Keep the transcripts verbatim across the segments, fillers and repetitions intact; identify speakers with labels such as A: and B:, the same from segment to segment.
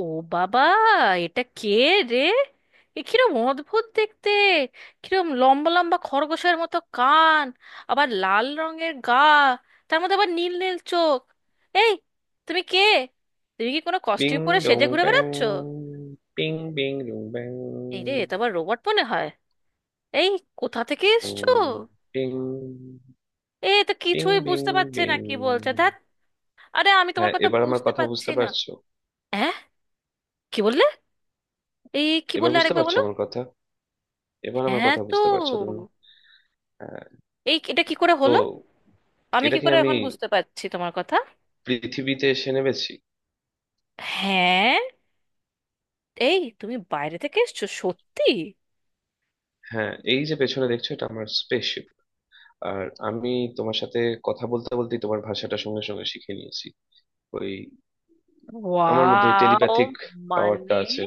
A: ও বাবা, এটা কে রে? এ কিরম অদ্ভুত দেখতে! কিরম লম্বা লম্বা খরগোশের মতো কান, আবার লাল রঙের গা, তার মধ্যে আবার নীল নীল চোখ। এই, তুমি কে? তুমি কি কোনো কস্টিউম পরে
B: Bing
A: সেজে
B: dong
A: ঘুরে
B: bang,
A: বেড়াচ্ছ?
B: bing bing dong bang,
A: এই রে, এটা আবার রোবট মনে হয়। এই, কোথা থেকে এসছো?
B: boom, bing,
A: এ তো
B: bing
A: কিছুই
B: bing
A: বুঝতে পারছে না
B: bing।
A: কি বলছে, ধ্যাত। আরে আমি তোমার
B: হ্যাঁ,
A: কথা
B: এবার আমার
A: বুঝতে
B: কথা
A: পারছি
B: বুঝতে
A: না।
B: পারছো?
A: হ্যাঁ, কি বললে? এই কি
B: এবার
A: বললে,
B: বুঝতে
A: আরেকবার
B: পারছো
A: বলো।
B: আমার কথা? এবার আমার
A: হ্যাঁ,
B: কথা
A: তো
B: বুঝতে পারছো তুমি? হ্যাঁ
A: এই এটা কি করে
B: তো।
A: হলো? আমি
B: এটা
A: কি
B: কি
A: করে
B: আমি
A: এখন বুঝতে পারছি তোমার কথা?
B: পৃথিবীতে এসে নেমেছি?
A: হ্যাঁ, এই তুমি বাইরে থেকে এসছো সত্যি?
B: হ্যাঁ, এই যে পেছনে দেখছো, এটা আমার স্পেসশিপ। আর আমি তোমার সাথে কথা বলতে বলতে তোমার ভাষাটা সঙ্গে সঙ্গে শিখে নিয়েছি। ওই, আমার মধ্যে
A: ওয়াও!
B: টেলিপ্যাথিক পাওয়ারটা
A: মানে
B: আছে।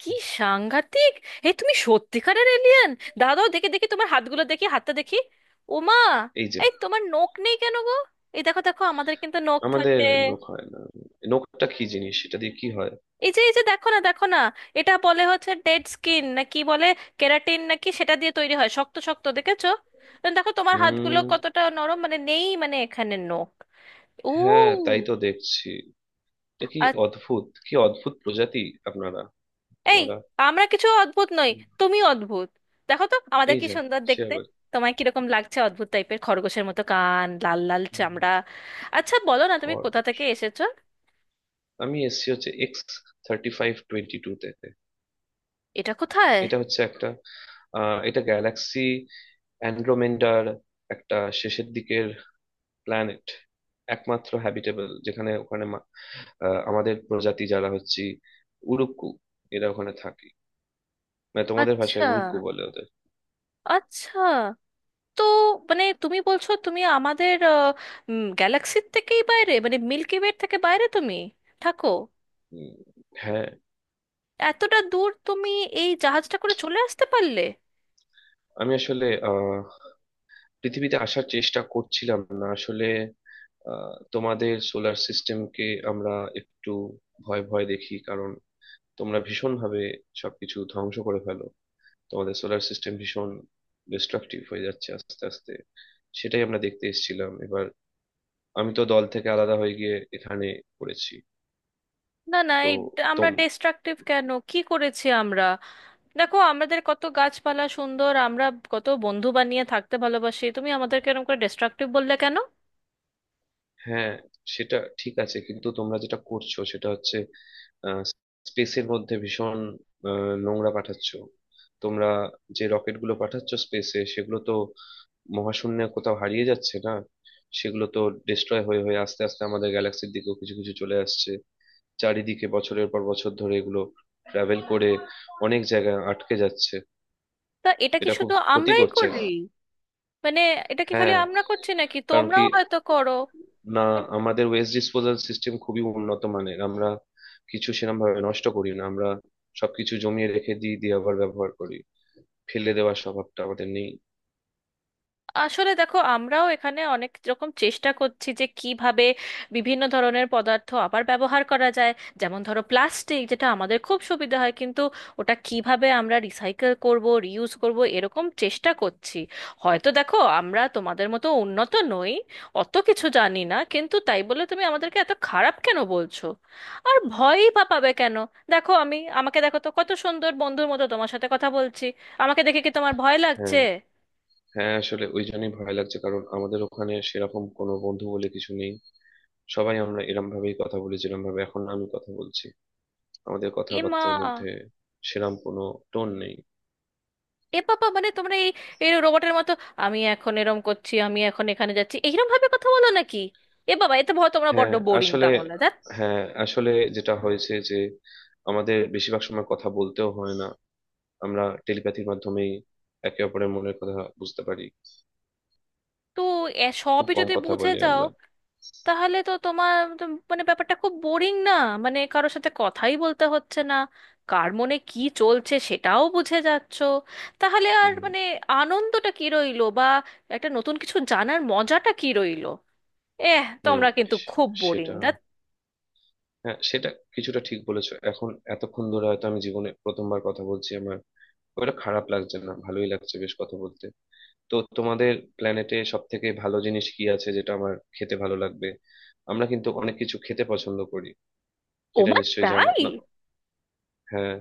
A: কি, সাংঘাতিক! এই তুমি সত্যিকারের এলিয়েন? দাঁড়াও, দেখি দেখি তোমার হাতগুলো দেখি, হাতটা দেখি। ওমা,
B: এই যে।
A: এই তোমার নখ নেই কেন গো? এই দেখো দেখো আমাদের কিন্তু নখ
B: আমাদের
A: থাকে।
B: নখ হয় না। নখটা কি জিনিস? এটা দিয়ে কি হয়?
A: এই যে এই যে দেখো না দেখো না। এটা বলে হচ্ছে ডেড স্কিন, না কি বলে, কেরাটিন নাকি সেটা দিয়ে তৈরি হয়, শক্ত শক্ত, দেখেছো? দেখো তোমার হাতগুলো
B: হুম।
A: কতটা নরম, মানে নেই, মানে এখানে নখ। ও।
B: হ্যাঁ, তাই তো দেখছি। এটা কি
A: আ-
B: অদ্ভুত! কি অদ্ভুত প্রজাতি আপনারা,
A: এই,
B: তোমরা।
A: আমরা কিছু অদ্ভুত নই,
B: হুম,
A: তুমি অদ্ভুত। দেখো তো আমাদের
B: এই
A: কি
B: যা!
A: সুন্দর
B: সে
A: দেখতে।
B: আবার।
A: তোমায় কিরকম লাগছে, অদ্ভুত টাইপের, খরগোশের মতো কান, লাল লাল
B: হুম,
A: চামড়া। আচ্ছা বলো না, তুমি কোথা
B: খরচ।
A: থেকে এসেছো?
B: আমি এসছি হচ্ছে X thirty five twenty two তে।
A: এটা কোথায়?
B: এটা হচ্ছে একটা, আহ, এটা গ্যালাক্সি অ্যান্ড্রোমেন্ডার, একটা শেষের দিকের প্ল্যানেট। একমাত্র হ্যাবিটেবল, যেখানে ওখানে মা- আহ, আমাদের প্রজাতি যারা হচ্ছে উরুক্কু, এরা ওখানে থাকে। মানে তোমাদের
A: আচ্ছা
B: ভাষায় উল্কু বলে ওদের।
A: আচ্ছা, তো মানে তুমি বলছো তুমি আমাদের গ্যালাক্সির থেকেই বাইরে, মানে মিল্কি ওয়ের থেকে বাইরে তুমি থাকো?
B: উম, হ্যাঁ।
A: এতটা দূর তুমি এই জাহাজটা করে চলে আসতে পারলে?
B: আমি আসলে আহ পৃথিবীতে আসার চেষ্টা করছিলাম না আসলে। আহ, তোমাদের সোলার সিস্টেমকে আমরা একটু ভয় ভয় দেখি, কারণ তোমরা ভীষণ ভাবে সবকিছু ধ্বংস করে ফেলো। তোমাদের সোলার সিস্টেম ভীষণ ডিস্ট্রাকটিভ হয়ে যাচ্ছে আস্তে আস্তে। সেটাই আমরা দেখতে এসেছিলাম এবার। আমি তো দল থেকে আলাদা হয়ে গিয়ে এখানে পড়েছি।
A: না না এই
B: তো
A: আমরা ডিস্ট্রাকটিভ কেন, কি করেছি আমরা? দেখো আমাদের কত গাছপালা সুন্দর, আমরা কত বন্ধু বানিয়ে থাকতে ভালোবাসি, তুমি আমাদেরকে এরকম করে ডিস্ট্রাকটিভ বললে কেন?
B: হ্যাঁ, সেটা ঠিক আছে, কিন্তু তোমরা যেটা করছো সেটা হচ্ছে স্পেসের মধ্যে ভীষণ আহ, নোংরা পাঠাচ্ছ তোমরা। যে রকেট গুলো পাঠাচ্ছ স্পেসে, সেগুলো তো মহাশূন্যে কোথাও হারিয়ে যাচ্ছে না। সেগুলো তো ডিস্ট্রয় হয়ে হয়ে আস্তে আস্তে আমাদের গ্যালাক্সির দিকেও কিছু কিছু চলে আসছে। চারিদিকে বছরের পর বছর ধরে এগুলো ট্রাভেল করে অনেক জায়গায় আটকে যাচ্ছে।
A: তা এটা কি
B: এটা খুব
A: শুধু
B: ক্ষতি
A: আমরাই
B: করছে।
A: করি? মানে এটা কি খালি
B: হ্যাঁ।
A: আমরা করছি নাকি
B: কারণ কি?
A: তোমরাও হয়তো করো?
B: না, আমাদের ওয়েস্ট ডিসপোজাল সিস্টেম খুবই উন্নত মানের। আমরা কিছু সেরকম ভাবে নষ্ট করি না। আমরা সবকিছু জমিয়ে রেখে দিই, দিয়ে আবার ব্যবহার করি। ফেলে দেওয়ার স্বভাবটা আমাদের নেই।
A: আসলে দেখো, আমরাও এখানে অনেক রকম চেষ্টা করছি যে কিভাবে বিভিন্ন ধরনের পদার্থ আবার ব্যবহার করা যায়। যেমন ধরো প্লাস্টিক, যেটা আমাদের খুব সুবিধা হয় কিন্তু ওটা কিভাবে আমরা রিসাইকেল করব, রিউজ করব, এরকম চেষ্টা করছি। হয়তো দেখো আমরা তোমাদের মতো উন্নত নই, অত কিছু জানি না, কিন্তু তাই বলে তুমি আমাদেরকে এত খারাপ কেন বলছো? আর ভয়ই বা পাবে কেন? দেখো, আমি আমাকে দেখো তো, কত সুন্দর বন্ধুর মতো তোমার সাথে কথা বলছি। আমাকে দেখে কি তোমার ভয় লাগছে?
B: হ্যাঁ, হ্যাঁ আসলে ওই জন্যই ভয় লাগছে, কারণ আমাদের ওখানে সেরকম কোনো বন্ধু বলে কিছু নেই। সবাই আমরা এরম ভাবেই কথা বলি যেরম ভাবে এখন আমি কথা বলছি। আমাদের
A: এমা!
B: কথাবার্তার মধ্যে সেরকম কোনো টোন নেই।
A: এ বাবা, মানে তোমরা এই, এই রোবটের মতো আমি এখন এরম করছি, আমি এখন এখানে যাচ্ছি, এইরকম ভাবে কথা বলো নাকি? এ বাবা, এতে ভয়! তোমরা বড্ড
B: হ্যাঁ
A: বোরিং
B: আসলে
A: তাহলে দেখ।
B: হ্যাঁ আসলে যেটা হয়েছে যে আমাদের বেশিরভাগ সময় কথা বলতেও হয় না। আমরা টেলিপ্যাথির মাধ্যমেই একে অপরের মনের কথা বুঝতে পারি।
A: তো এ
B: খুব
A: সবই
B: কম
A: যদি
B: কথা
A: বুঝে
B: বলি
A: যাও,
B: আমরা।
A: তাহলে তো তোমার তো, মানে ব্যাপারটা খুব বোরিং না? মানে কারোর সাথে কথাই বলতে হচ্ছে না, কার মনে কি চলছে সেটাও বুঝে যাচ্ছো, তাহলে আর
B: হুম।
A: মানে আনন্দটা কি রইলো বা একটা নতুন কিছু জানার মজাটা কি রইলো? এহ,
B: হুম
A: তোমরা কিন্তু
B: সে-
A: খুব বোরিং
B: সেটা,
A: দা।
B: হ্যাঁ সেটা কিছুটা ঠিক বলেছো এখন। এতক্ষণ ধরে হয়তো আমি জীবনে প্রথমবার কথা বলছি, আমার ওটা খারাপ লাগছে না, ভালোই লাগছে বেশ কথা বলতে। তো তোমাদের প্ল্যানেটে সব থেকে ভালো জিনিস কি আছে যেটা আমার খেতে ভালো লাগবে? আমরা কিন্তু অনেক কিছু খেতে পছন্দ করি, সেটা
A: ওমা
B: নিশ্চয়ই জানো
A: তাই?
B: না। হ্যাঁ।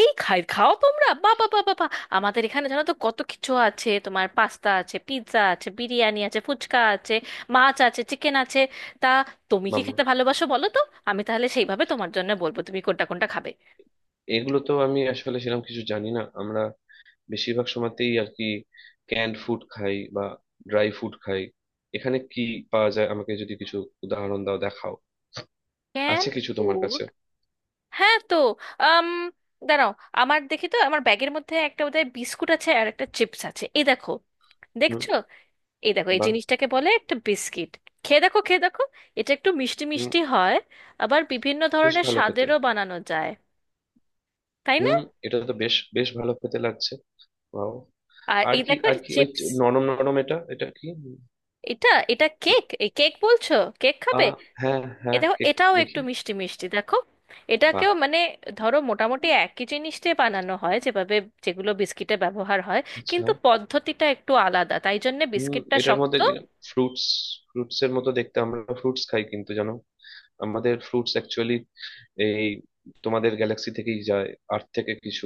A: এই, খাই খাও তোমরা? বাবা বাবা বা বা বা, আমাদের এখানে জানো তো কত কিছু আছে, তোমার পাস্তা আছে, পিৎজা আছে, বিরিয়ানি আছে, ফুচকা আছে, মাছ আছে, চিকেন আছে। তা তুমি কি
B: বাবা,
A: খেতে ভালোবাসো বলো তো, আমি তাহলে সেইভাবে তোমার জন্য বলবো তুমি কোনটা কোনটা খাবে।
B: এগুলো তো আমি আসলে সেরকম কিছু জানি না। আমরা বেশিরভাগ সময়তেই আর কি ক্যান্ড ফুড খাই বা ড্রাই ফুড খাই। এখানে কি পাওয়া যায়? আমাকে যদি কিছু উদাহরণ দাও, দেখাও।
A: ক্যান
B: আছে কিছু তোমার
A: ফুড?
B: কাছে?
A: হ্যাঁ, তো আম, দাঁড়াও, আমার দেখি তো, আমার ব্যাগের মধ্যে একটা বোধহয় বিস্কুট আছে আর একটা চিপস আছে, এই দেখো,
B: হুম।
A: দেখছো? এই দেখো, এই
B: বা,
A: জিনিসটাকে বলে একটা বিস্কিট। খেয়ে দেখো, খেয়ে দেখো, এটা একটু মিষ্টি
B: হুম,
A: মিষ্টি হয়। আবার বিভিন্ন
B: বেশ
A: ধরনের
B: ভালো খেতে।
A: স্বাদেরও বানানো যায়। তাই না?
B: হুম, এটা তো বেশ বেশ ভালো খেতে লাগছে। বাহ।
A: আর
B: আর
A: এই
B: কি
A: দেখো,
B: আর
A: এটা
B: কি, ওই
A: চিপস।
B: নরম নরম, এটা এটা কি?
A: এটা এটা কেক, এই কেক বলছো? কেক
B: আ,
A: খাবে?
B: হ্যাঁ
A: এ
B: হ্যাঁ
A: দেখো,
B: কেক।
A: এটাও একটু
B: দেখি।
A: মিষ্টি মিষ্টি দেখো।
B: বাহ।
A: এটাকেও মানে ধরো মোটামুটি একই জিনিস দিয়ে বানানো হয় যেভাবে, যেগুলো বিস্কিটে ব্যবহার হয়,
B: আচ্ছা।
A: কিন্তু পদ্ধতিটা একটু আলাদা, তাই জন্য
B: হুম,
A: বিস্কিটটা
B: এটার
A: শক্ত।
B: মধ্যে ফ্রুটস ফ্রুটস এর মতো দেখতে। আমরা ফ্রুটস খাই, কিন্তু জানো, আমাদের ফ্রুটস অ্যাকচুয়ালি এই তোমাদের গ্যালাক্সি থেকেই যায়। আর্থ থেকে কিছু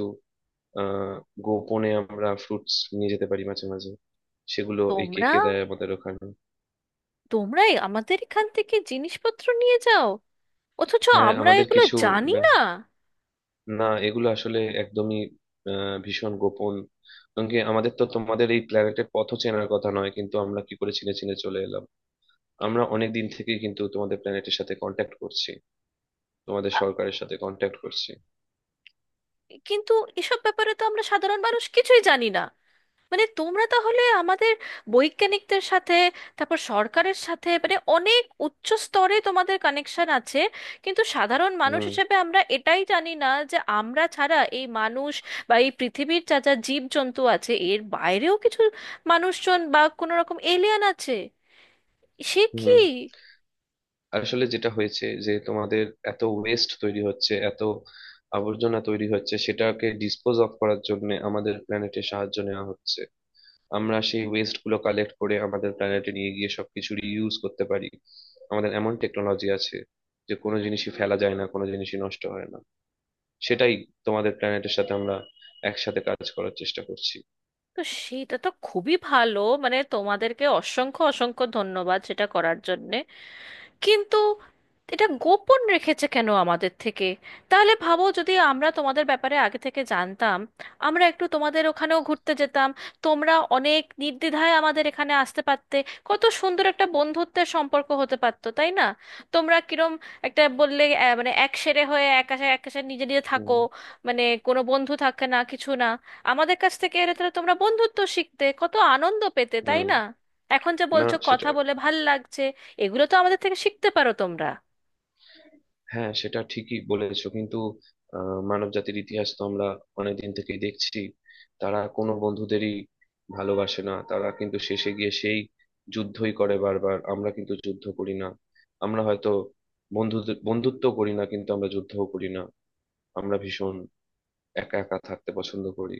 B: আহ গোপনে আমরা ফ্রুটস নিয়ে যেতে পারি মাঝে মাঝে, সেগুলো এই
A: তোমরা
B: কেকে দেয় আমাদের ওখানে।
A: তোমরাই আমাদের এখান থেকে জিনিসপত্র নিয়ে যাও, অথচ
B: হ্যাঁ,
A: আমরা
B: আমাদের
A: এগুলো
B: কিছু
A: জানি
B: ব্যা-
A: না?
B: না, এগুলো আসলে একদমই আহ, ভীষণ গোপন। কারণ কি? আমাদের তো তোমাদের এই প্ল্যানেটের পথও চেনার কথা নয়, কিন্তু আমরা কি করে চিনে চিনে চলে এলাম? আমরা অনেক দিন থেকেই কিন্তু তোমাদের প্ল্যানেটের সাথে কন্ট্যাক্ট করছি, তোমাদের সরকারের সাথে কন্ট্যাক্ট করছি।
A: কিন্তু এসব ব্যাপারে তো আমরা সাধারণ মানুষ কিছুই জানি না। মানে তোমরা তাহলে আমাদের বৈজ্ঞানিকদের সাথে, তারপর সরকারের সাথে, মানে অনেক উচ্চ স্তরে তোমাদের কানেকশন আছে, কিন্তু সাধারণ মানুষ
B: হুম।
A: হিসেবে আমরা এটাই জানি না যে আমরা ছাড়া এই মানুষ বা এই পৃথিবীর যা যা জীবজন্তু আছে এর বাইরেও কিছু মানুষজন বা কোনো রকম এলিয়ান আছে। সে কি!
B: হুম, আসলে যেটা হয়েছে যে তোমাদের এত ওয়েস্ট তৈরি হচ্ছে, এত আবর্জনা তৈরি হচ্ছে, সেটাকে ডিসপোজ অফ করার জন্য আমাদের প্ল্যানেটে সাহায্য নেওয়া হচ্ছে। আমরা সেই ওয়েস্ট গুলো কালেক্ট করে আমাদের প্ল্যানেটে নিয়ে গিয়ে সবকিছু রিইউজ করতে পারি। আমাদের এমন টেকনোলজি আছে যে কোনো জিনিসই ফেলা যায় না, কোনো জিনিসই নষ্ট হয় না। সেটাই তোমাদের প্ল্যানেটের সাথে আমরা একসাথে কাজ করার চেষ্টা করছি।
A: তো সেটা তো খুবই ভালো, মানে তোমাদেরকে অসংখ্য অসংখ্য ধন্যবাদ সেটা করার জন্য, কিন্তু এটা গোপন রেখেছে কেন আমাদের থেকে? তাহলে ভাবো, যদি আমরা তোমাদের ব্যাপারে আগে থেকে জানতাম, আমরা একটু তোমাদের ওখানেও ঘুরতে যেতাম, তোমরা অনেক নির্দ্বিধায় আমাদের এখানে আসতে পারতে, কত সুন্দর একটা বন্ধুত্বের সম্পর্ক হতে পারতো, তাই না? তোমরা কিরম একটা বললে, আহ, মানে এক সেরে হয়ে, এক আশে এক আশে নিজে নিজে থাকো,
B: হুম।
A: মানে কোনো বন্ধু থাকে না কিছু না। আমাদের কাছ থেকে এলে তাহলে তোমরা বন্ধুত্ব শিখতে, কত আনন্দ পেতে তাই
B: হুম।
A: না? এখন যে
B: না
A: বলছো কথা
B: সেটা,
A: বলে ভাল লাগছে, এগুলো তো আমাদের থেকে শিখতে পারো তোমরা।
B: হ্যাঁ সেটা ঠিকই বলেছো, কিন্তু মানব জাতির ইতিহাস তো আমরা অনেকদিন থেকেই দেখছি। তারা কোনো বন্ধুদেরই ভালোবাসে না, তারা কিন্তু শেষে গিয়ে সেই যুদ্ধই করে বারবার। আমরা কিন্তু যুদ্ধ করি না। আমরা হয়তো বন্ধু বন্ধুত্ব করি না, কিন্তু আমরা যুদ্ধও করি না। আমরা ভীষণ একা একা থাকতে পছন্দ করি।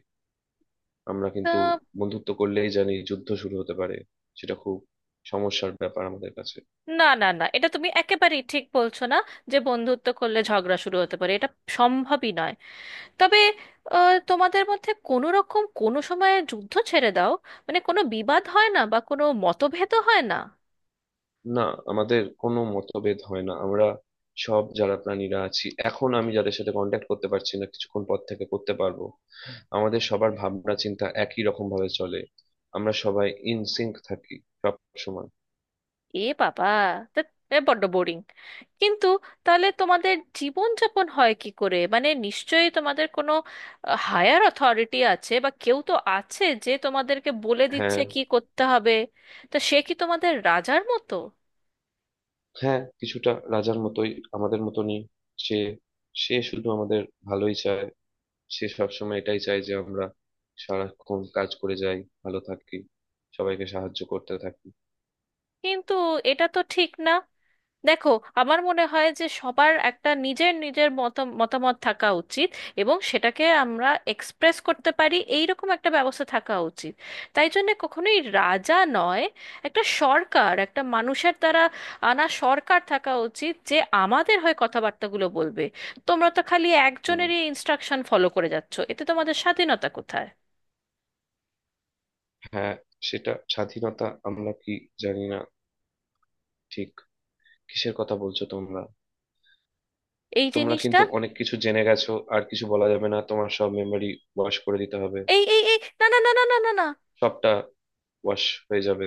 B: আমরা কিন্তু
A: আহ,
B: বন্ধুত্ব করলেই জানি যুদ্ধ শুরু হতে পারে। সেটা খুব সমস্যার ব্যাপার আমাদের কাছে।
A: না না না, এটা তুমি একেবারেই ঠিক বলছো না, যে বন্ধুত্ব করলে ঝগড়া শুরু হতে পারে, এটা সম্ভবই নয়। তবে আহ, তোমাদের মধ্যে কোনো রকম কোনো সময়ে যুদ্ধ ছেড়ে দাও, মানে কোনো বিবাদ হয় না বা কোনো মতভেদ হয় না?
B: না, আমাদের কোনো মতভেদ হয় না। আমরা সব যারা প্রাণীরা আছি, এখন আমি যাদের সাথে কন্ট্যাক্ট করতে পারছি না, কিছুক্ষণ পর থেকে করতে পারবো। আমাদের সবার ভাবনা চিন্তা একই রকম ভাবে চলে। আমরা সবাই ইনসিঙ্ক থাকি সব সময়।
A: এ বাবা! তা এ বড্ড বোরিং। কিন্তু তাহলে তোমাদের জীবনযাপন হয় কি করে? মানে নিশ্চয়ই তোমাদের কোনো হায়ার অথরিটি আছে বা কেউ তো আছে যে তোমাদেরকে বলে দিচ্ছে
B: হ্যাঁ।
A: কি করতে হবে। তা সে কি তোমাদের রাজার মতো?
B: হ্যাঁ, কিছুটা রাজার মতোই, আমাদের মতনই। সে সে শুধু আমাদের ভালোই চায়, সে সবসময় এটাই চায় যে আমরা সারাক্ষণ কাজ করে যাই, ভালো থাকি, সবাইকে সাহায্য করতে থাকি।
A: কিন্তু এটা তো ঠিক না। দেখো, আমার মনে হয় যে সবার একটা নিজের নিজের মত মতামত থাকা উচিত, এবং সেটাকে আমরা এক্সপ্রেস করতে পারি এইরকম একটা ব্যবস্থা থাকা উচিত। তাই জন্য কখনোই রাজা নয়, একটা সরকার, একটা মানুষের দ্বারা আনা সরকার থাকা উচিত যে আমাদের হয়ে কথাবার্তাগুলো বলবে। তোমরা তো খালি একজনেরই ইনস্ট্রাকশন ফলো করে যাচ্ছো, এতে তোমাদের স্বাধীনতা কোথায়?
B: হ্যাঁ, সেটা স্বাধীনতা আমরা কি জানি না ঠিক, কিসের কথা বলছো তোমরা?
A: এই
B: তোমরা
A: জিনিসটা,
B: কিন্তু অনেক কিছু জেনে গেছো, আর কিছু বলা যাবে না। তোমার সব মেমরি ওয়াশ করে দিতে হবে।
A: এই এই এই, না না না না না না না!
B: সবটা ওয়াশ হয়ে যাবে।